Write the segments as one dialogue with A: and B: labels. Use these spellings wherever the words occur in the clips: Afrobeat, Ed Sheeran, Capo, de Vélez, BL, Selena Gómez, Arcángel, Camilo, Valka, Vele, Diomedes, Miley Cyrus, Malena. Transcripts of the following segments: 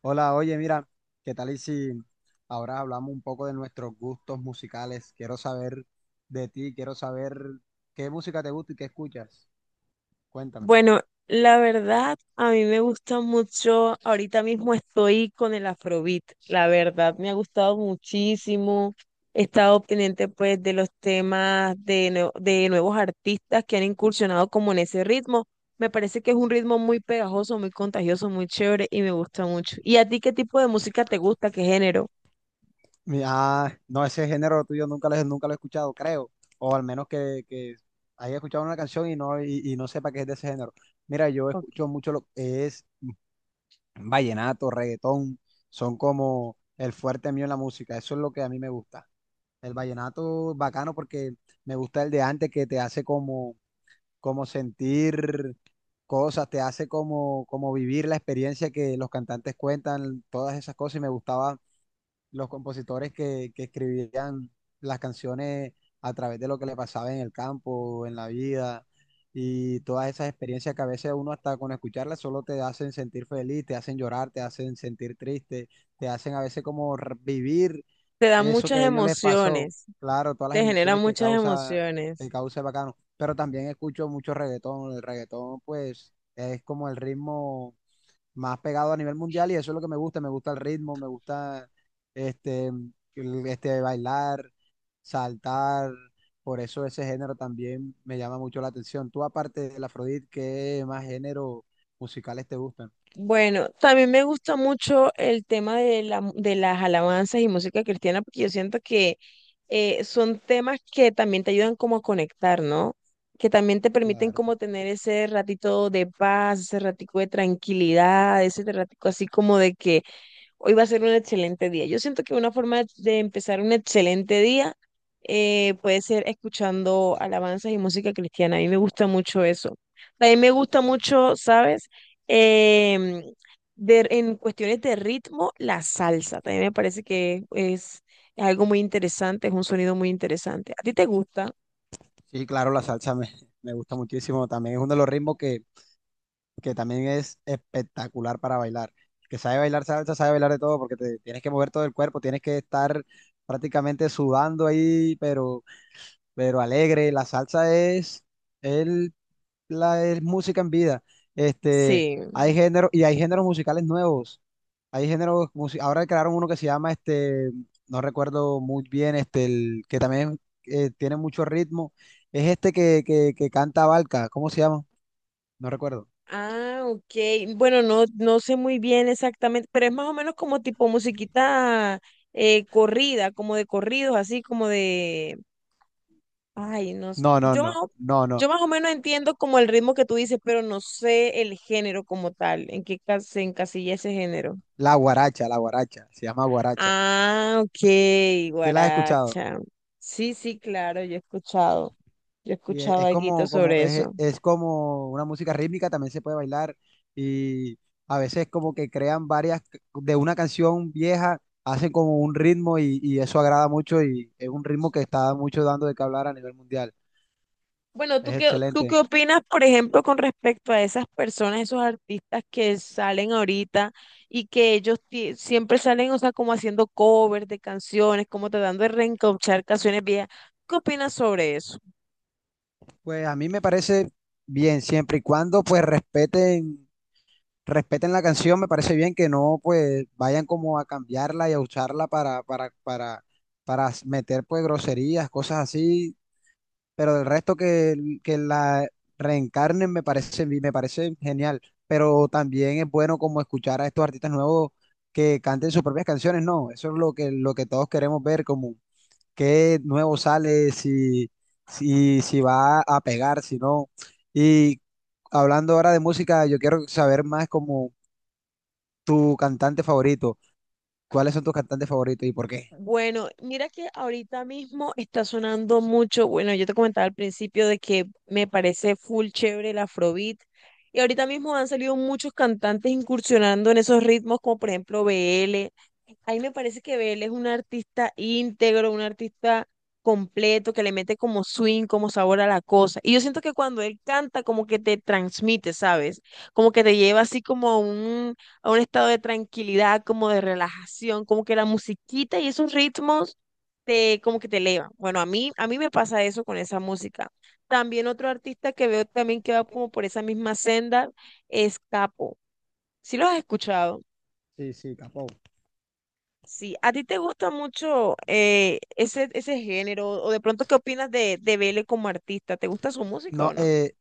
A: Hola, oye, mira, ¿qué tal y si ahora hablamos un poco de nuestros gustos musicales? Quiero saber de ti, quiero saber qué música te gusta y qué escuchas. Cuéntame.
B: Bueno, la verdad, a mí me gusta mucho, ahorita mismo estoy con el Afrobeat, la verdad, me ha gustado muchísimo. He estado pendiente pues de los temas de nuevos artistas que han incursionado como en ese ritmo. Me parece que es un ritmo muy pegajoso, muy contagioso, muy chévere y me gusta mucho. ¿Y a ti qué tipo de música te gusta? ¿Qué género?
A: No, ese género tuyo nunca nunca lo he escuchado, creo. O al menos que haya escuchado una canción y y no sepa que es de ese género. Mira, yo
B: Ok.
A: escucho mucho lo que es vallenato, reggaetón, son como el fuerte mío en la música. Eso es lo que a mí me gusta. El vallenato bacano porque me gusta el de antes que te hace como sentir cosas, te hace como vivir la experiencia que los cantantes cuentan, todas esas cosas, y me gustaba los compositores que escribían las canciones a través de lo que le pasaba en el campo, en la vida, y todas esas experiencias que a veces uno hasta con escucharlas solo te hacen sentir feliz, te hacen llorar, te hacen sentir triste, te hacen a veces como vivir
B: Te da
A: eso que
B: muchas
A: a ellos les pasó,
B: emociones,
A: claro, todas las
B: te genera
A: emociones
B: muchas
A: que
B: emociones.
A: causa el bacano, pero también escucho mucho reggaetón, el reggaetón pues es como el ritmo más pegado a nivel mundial y eso es lo que me gusta el ritmo, me gusta este, bailar, saltar, por eso ese género también me llama mucho la atención. Tú aparte del Afrodit, ¿qué más géneros musicales te gustan?
B: Bueno, también me gusta mucho el tema de las alabanzas y música cristiana porque yo siento que son temas que también te ayudan como a conectar, ¿no? Que también te permiten
A: Claro.
B: como tener ese ratito de paz, ese ratico de tranquilidad, ese ratico así como de que hoy va a ser un excelente día. Yo siento que una forma de empezar un excelente día puede ser escuchando alabanzas y música cristiana. A mí me gusta mucho eso. También me gusta mucho, ¿sabes? Em, en cuestiones de ritmo, la salsa. También me parece es algo muy interesante, es un sonido muy interesante. ¿A ti te gusta?
A: Sí, claro, me gusta muchísimo, también es uno de los ritmos que también es espectacular para bailar. El que sabe bailar salsa, sabe bailar de todo porque te tienes que mover todo el cuerpo, tienes que estar prácticamente sudando ahí, pero alegre. La salsa el, es música en vida. Este,
B: Sí.
A: hay géneros musicales nuevos. Hay ahora crearon uno que se llama, no recuerdo muy bien, que también tiene mucho ritmo. Es este que canta Valka, ¿cómo se llama? No recuerdo.
B: Ah, ok. Bueno, no, no sé muy bien exactamente, pero es más o menos como tipo musiquita corrida, como de corridos, así como de... Ay, no s-
A: No, no, no, no, no.
B: Yo más o menos entiendo como el ritmo que tú dices, pero no sé el género como tal, en qué se encasilla ese género.
A: La guaracha, se llama guaracha.
B: Ah, ok,
A: ¿Sí la has escuchado?
B: guaracha. Sí, sí, claro, yo he
A: Y
B: escuchado
A: es
B: algo sobre eso.
A: es como una música rítmica, también se puede bailar. Y a veces como que crean de una canción vieja, hacen como un ritmo y eso agrada mucho y es un ritmo que está mucho dando de qué hablar a nivel mundial.
B: Bueno,
A: Es
B: ¿tú qué
A: excelente.
B: opinas, por ejemplo, con respecto a esas personas, esos artistas que salen ahorita y que siempre salen, o sea, como haciendo covers de canciones, como tratando de reencauchar canciones viejas? ¿Qué opinas sobre eso?
A: Pues a mí me parece bien, siempre y cuando pues respeten la canción, me parece bien que no pues vayan como a cambiarla y a usarla para meter pues groserías, cosas así pero del que la reencarnen me parece genial. Pero también es bueno como escuchar a estos artistas nuevos que canten sus propias canciones, ¿no? Eso es lo que todos queremos ver, como qué nuevo sale, si, si, si va a pegar, si no. Y hablando ahora de música, yo quiero saber más como tu cantante favorito. ¿Cuáles son tus cantantes favoritos y por qué?
B: Bueno, mira que ahorita mismo está sonando mucho, bueno, yo te comentaba al principio de que me parece full chévere el Afrobeat y ahorita mismo han salido muchos cantantes incursionando en esos ritmos como por ejemplo BL. Ahí me parece que BL es un artista íntegro, un artista completo que le mete como swing, como sabor a la cosa. Y yo siento que cuando él canta como que te transmite, ¿sabes? Como que te lleva así como a un estado de tranquilidad, como de relajación, como que la musiquita y esos ritmos como que te elevan. Bueno, a mí me pasa eso con esa música. También otro artista que veo también que va como por esa misma senda es Capo. ¿Sí lo has escuchado?
A: Sí, sí, capo.
B: Sí, ¿a ti te gusta mucho ese género? ¿O de pronto qué opinas de Vele como artista? ¿Te gusta su música
A: No,
B: o no?
A: eh,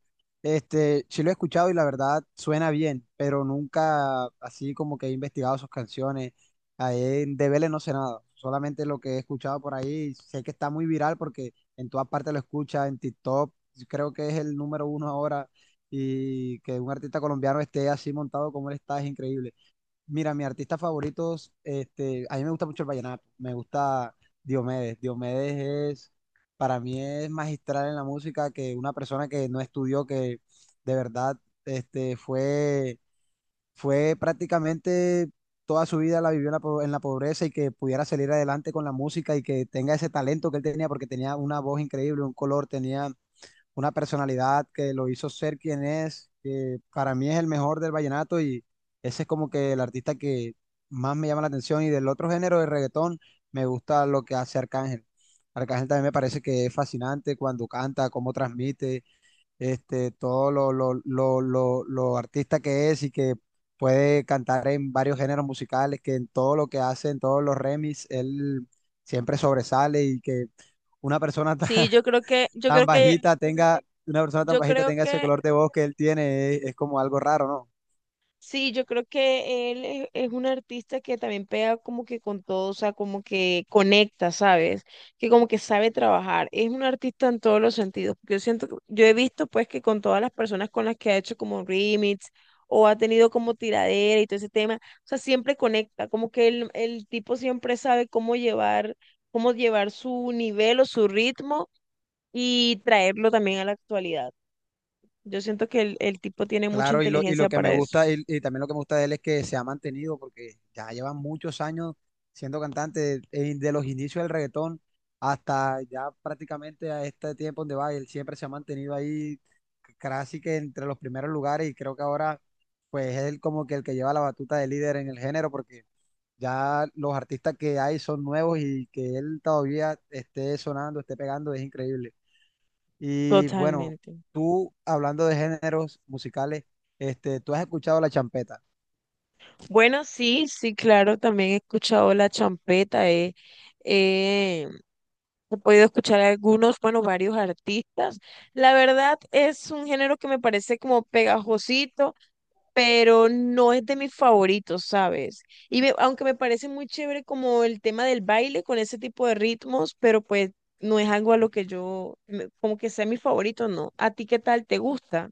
A: este, sí lo he escuchado y la verdad suena bien, pero nunca así como que he investigado sus canciones. Ahí en de Vélez no sé nada, solamente lo que he escuchado por ahí. Sé que está muy viral porque en todas partes lo escucha, en TikTok, creo que es el número uno ahora. Y que un artista colombiano esté así montado como él está es increíble. Mira, mis artistas favoritos, a mí me gusta mucho el vallenato, me gusta Diomedes. Para mí es magistral en la música que una persona que no estudió, que de verdad, este, fue, fue prácticamente toda su vida la vivió en en la pobreza y que pudiera salir adelante con la música y que tenga ese talento que él tenía, porque tenía una voz increíble, un color, tenía una personalidad que lo hizo ser quien es, que para mí es el mejor del vallenato y ese es como que el artista que más me llama la atención y del otro género de reggaetón me gusta lo que hace Arcángel. Arcángel también me parece que es fascinante cuando canta, cómo transmite, todo lo artista que es y que puede cantar en varios géneros musicales, que en todo lo que hace, en todos los remix, él siempre sobresale y que una persona
B: Sí, yo creo que, yo
A: tan
B: creo que,
A: una persona tan
B: yo
A: bajita
B: creo
A: tenga ese
B: que
A: color de voz que él tiene, es como algo raro, ¿no?
B: sí, yo creo que él es un artista que también pega como que con todo, o sea, como que conecta, ¿sabes? Que como que sabe trabajar. Es un artista en todos los sentidos. Yo siento, yo he visto pues que con todas las personas con las que ha hecho como remix o ha tenido como tiradera y todo ese tema, o sea, siempre conecta, como que el tipo siempre sabe cómo llevar su nivel o su ritmo y traerlo también a la actualidad. Yo siento que el tipo tiene mucha
A: Claro, y
B: inteligencia
A: lo que me
B: para eso.
A: y también lo que me gusta de él es que se ha mantenido, porque ya lleva muchos años siendo cantante, de los inicios del reggaetón hasta ya prácticamente a este tiempo donde va, él siempre se ha mantenido ahí casi que entre los primeros lugares y creo que ahora pues es él como que el que lleva la batuta de líder en el género porque ya los artistas que hay son nuevos y que él todavía esté sonando, esté pegando, es increíble. Y bueno,
B: Totalmente.
A: tú hablando de géneros musicales, ¿tú has escuchado la champeta?
B: Bueno, sí, sí, claro, también he escuchado la champeta, he- he podido escuchar algunos, bueno, varios artistas. La verdad es un género que me parece como pegajosito, pero no es de mis favoritos, ¿sabes? Y aunque me parece muy chévere como el tema del baile con ese tipo de ritmos, pero pues no es algo a lo que como que sea mi favorito, ¿no? ¿A ti qué tal te gusta?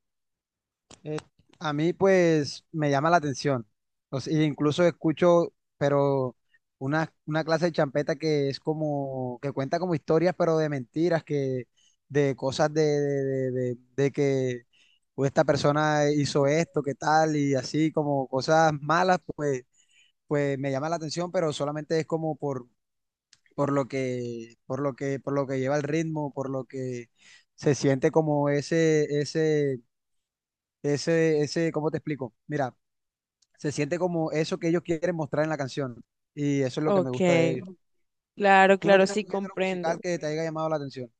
A: Eh, a mí pues me llama la atención. O sea, incluso escucho, pero una clase de champeta que es como, que cuenta como historias, pero de mentiras, que de cosas de que pues, esta persona hizo esto, que tal, y así como cosas malas, pues, pues me llama la atención, pero solamente es como por lo por lo que lleva el ritmo, por lo que se siente como ese. ¿Cómo te explico? Mira, se siente como eso que ellos quieren mostrar en la canción. Y eso es lo que me
B: Ok,
A: gusta de ellos.
B: claro,
A: ¿Tú no
B: claro,
A: tienes
B: sí
A: un género musical
B: comprendo.
A: que te haya llamado la atención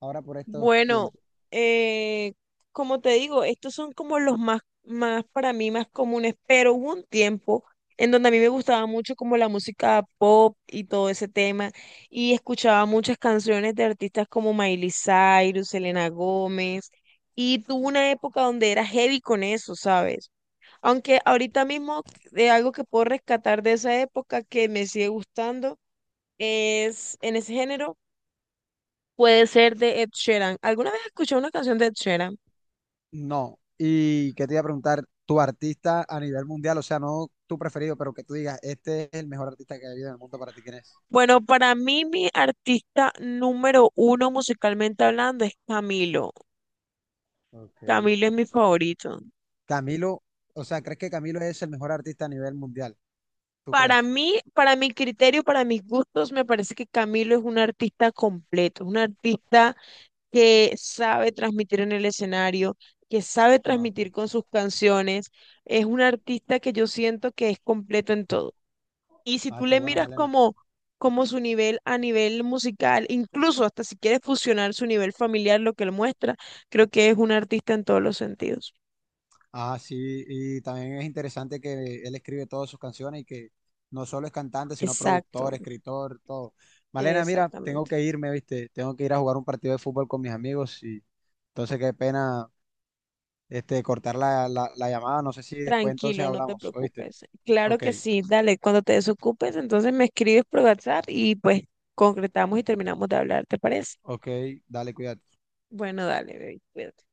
A: ahora por estos
B: Bueno,
A: tiempos?
B: eh, como te digo, estos son como más para mí más comunes, pero hubo un tiempo en donde a mí me gustaba mucho como la música pop y todo ese tema, y escuchaba muchas canciones de artistas como Miley Cyrus, Selena Gómez, y tuve una época donde era heavy con eso, ¿sabes? Aunque ahorita mismo de algo que puedo rescatar de esa época que me sigue gustando es en ese género puede ser de Ed Sheeran. ¿Alguna vez escuché una canción de Ed Sheeran?
A: No. Y qué te iba a preguntar, tu artista a nivel mundial, o sea, no tu preferido, pero que tú digas, este es el mejor artista que ha habido en el mundo para ti, ¿quién es?
B: Bueno, para mí mi artista número uno musicalmente hablando es Camilo.
A: Ok,
B: Camilo es mi favorito.
A: Camilo, o sea, ¿crees que Camilo es el mejor artista a nivel mundial? ¿Tú
B: Para
A: crees?
B: mí, para mi criterio, para mis gustos, me parece que Camilo es un artista completo, un artista que sabe transmitir en el escenario, que sabe
A: Ah, ok.
B: transmitir con sus canciones. Es un artista que yo siento que es completo en todo. Y si
A: Ah,
B: tú
A: qué
B: le
A: bueno,
B: miras
A: Malena.
B: como, como su nivel a nivel musical, incluso hasta si quieres fusionar su nivel familiar, lo que él muestra, creo que es un artista en todos los sentidos.
A: Ah, sí, y también es interesante que él escribe todas sus canciones y que no solo es cantante, sino productor,
B: Exacto,
A: escritor, todo. Malena, mira, tengo
B: exactamente.
A: que irme, ¿viste? Tengo que ir a jugar un partido de fútbol con mis amigos y entonces qué pena cortar la la llamada. No sé si después entonces
B: Tranquilo, no te
A: hablamos, ¿oíste?
B: preocupes. Claro
A: Ok,
B: que sí, dale, cuando te desocupes, entonces me escribes por WhatsApp y pues concretamos y terminamos de hablar, ¿te parece?
A: ok, dale, cuídate.
B: Bueno, dale, baby, cuídate.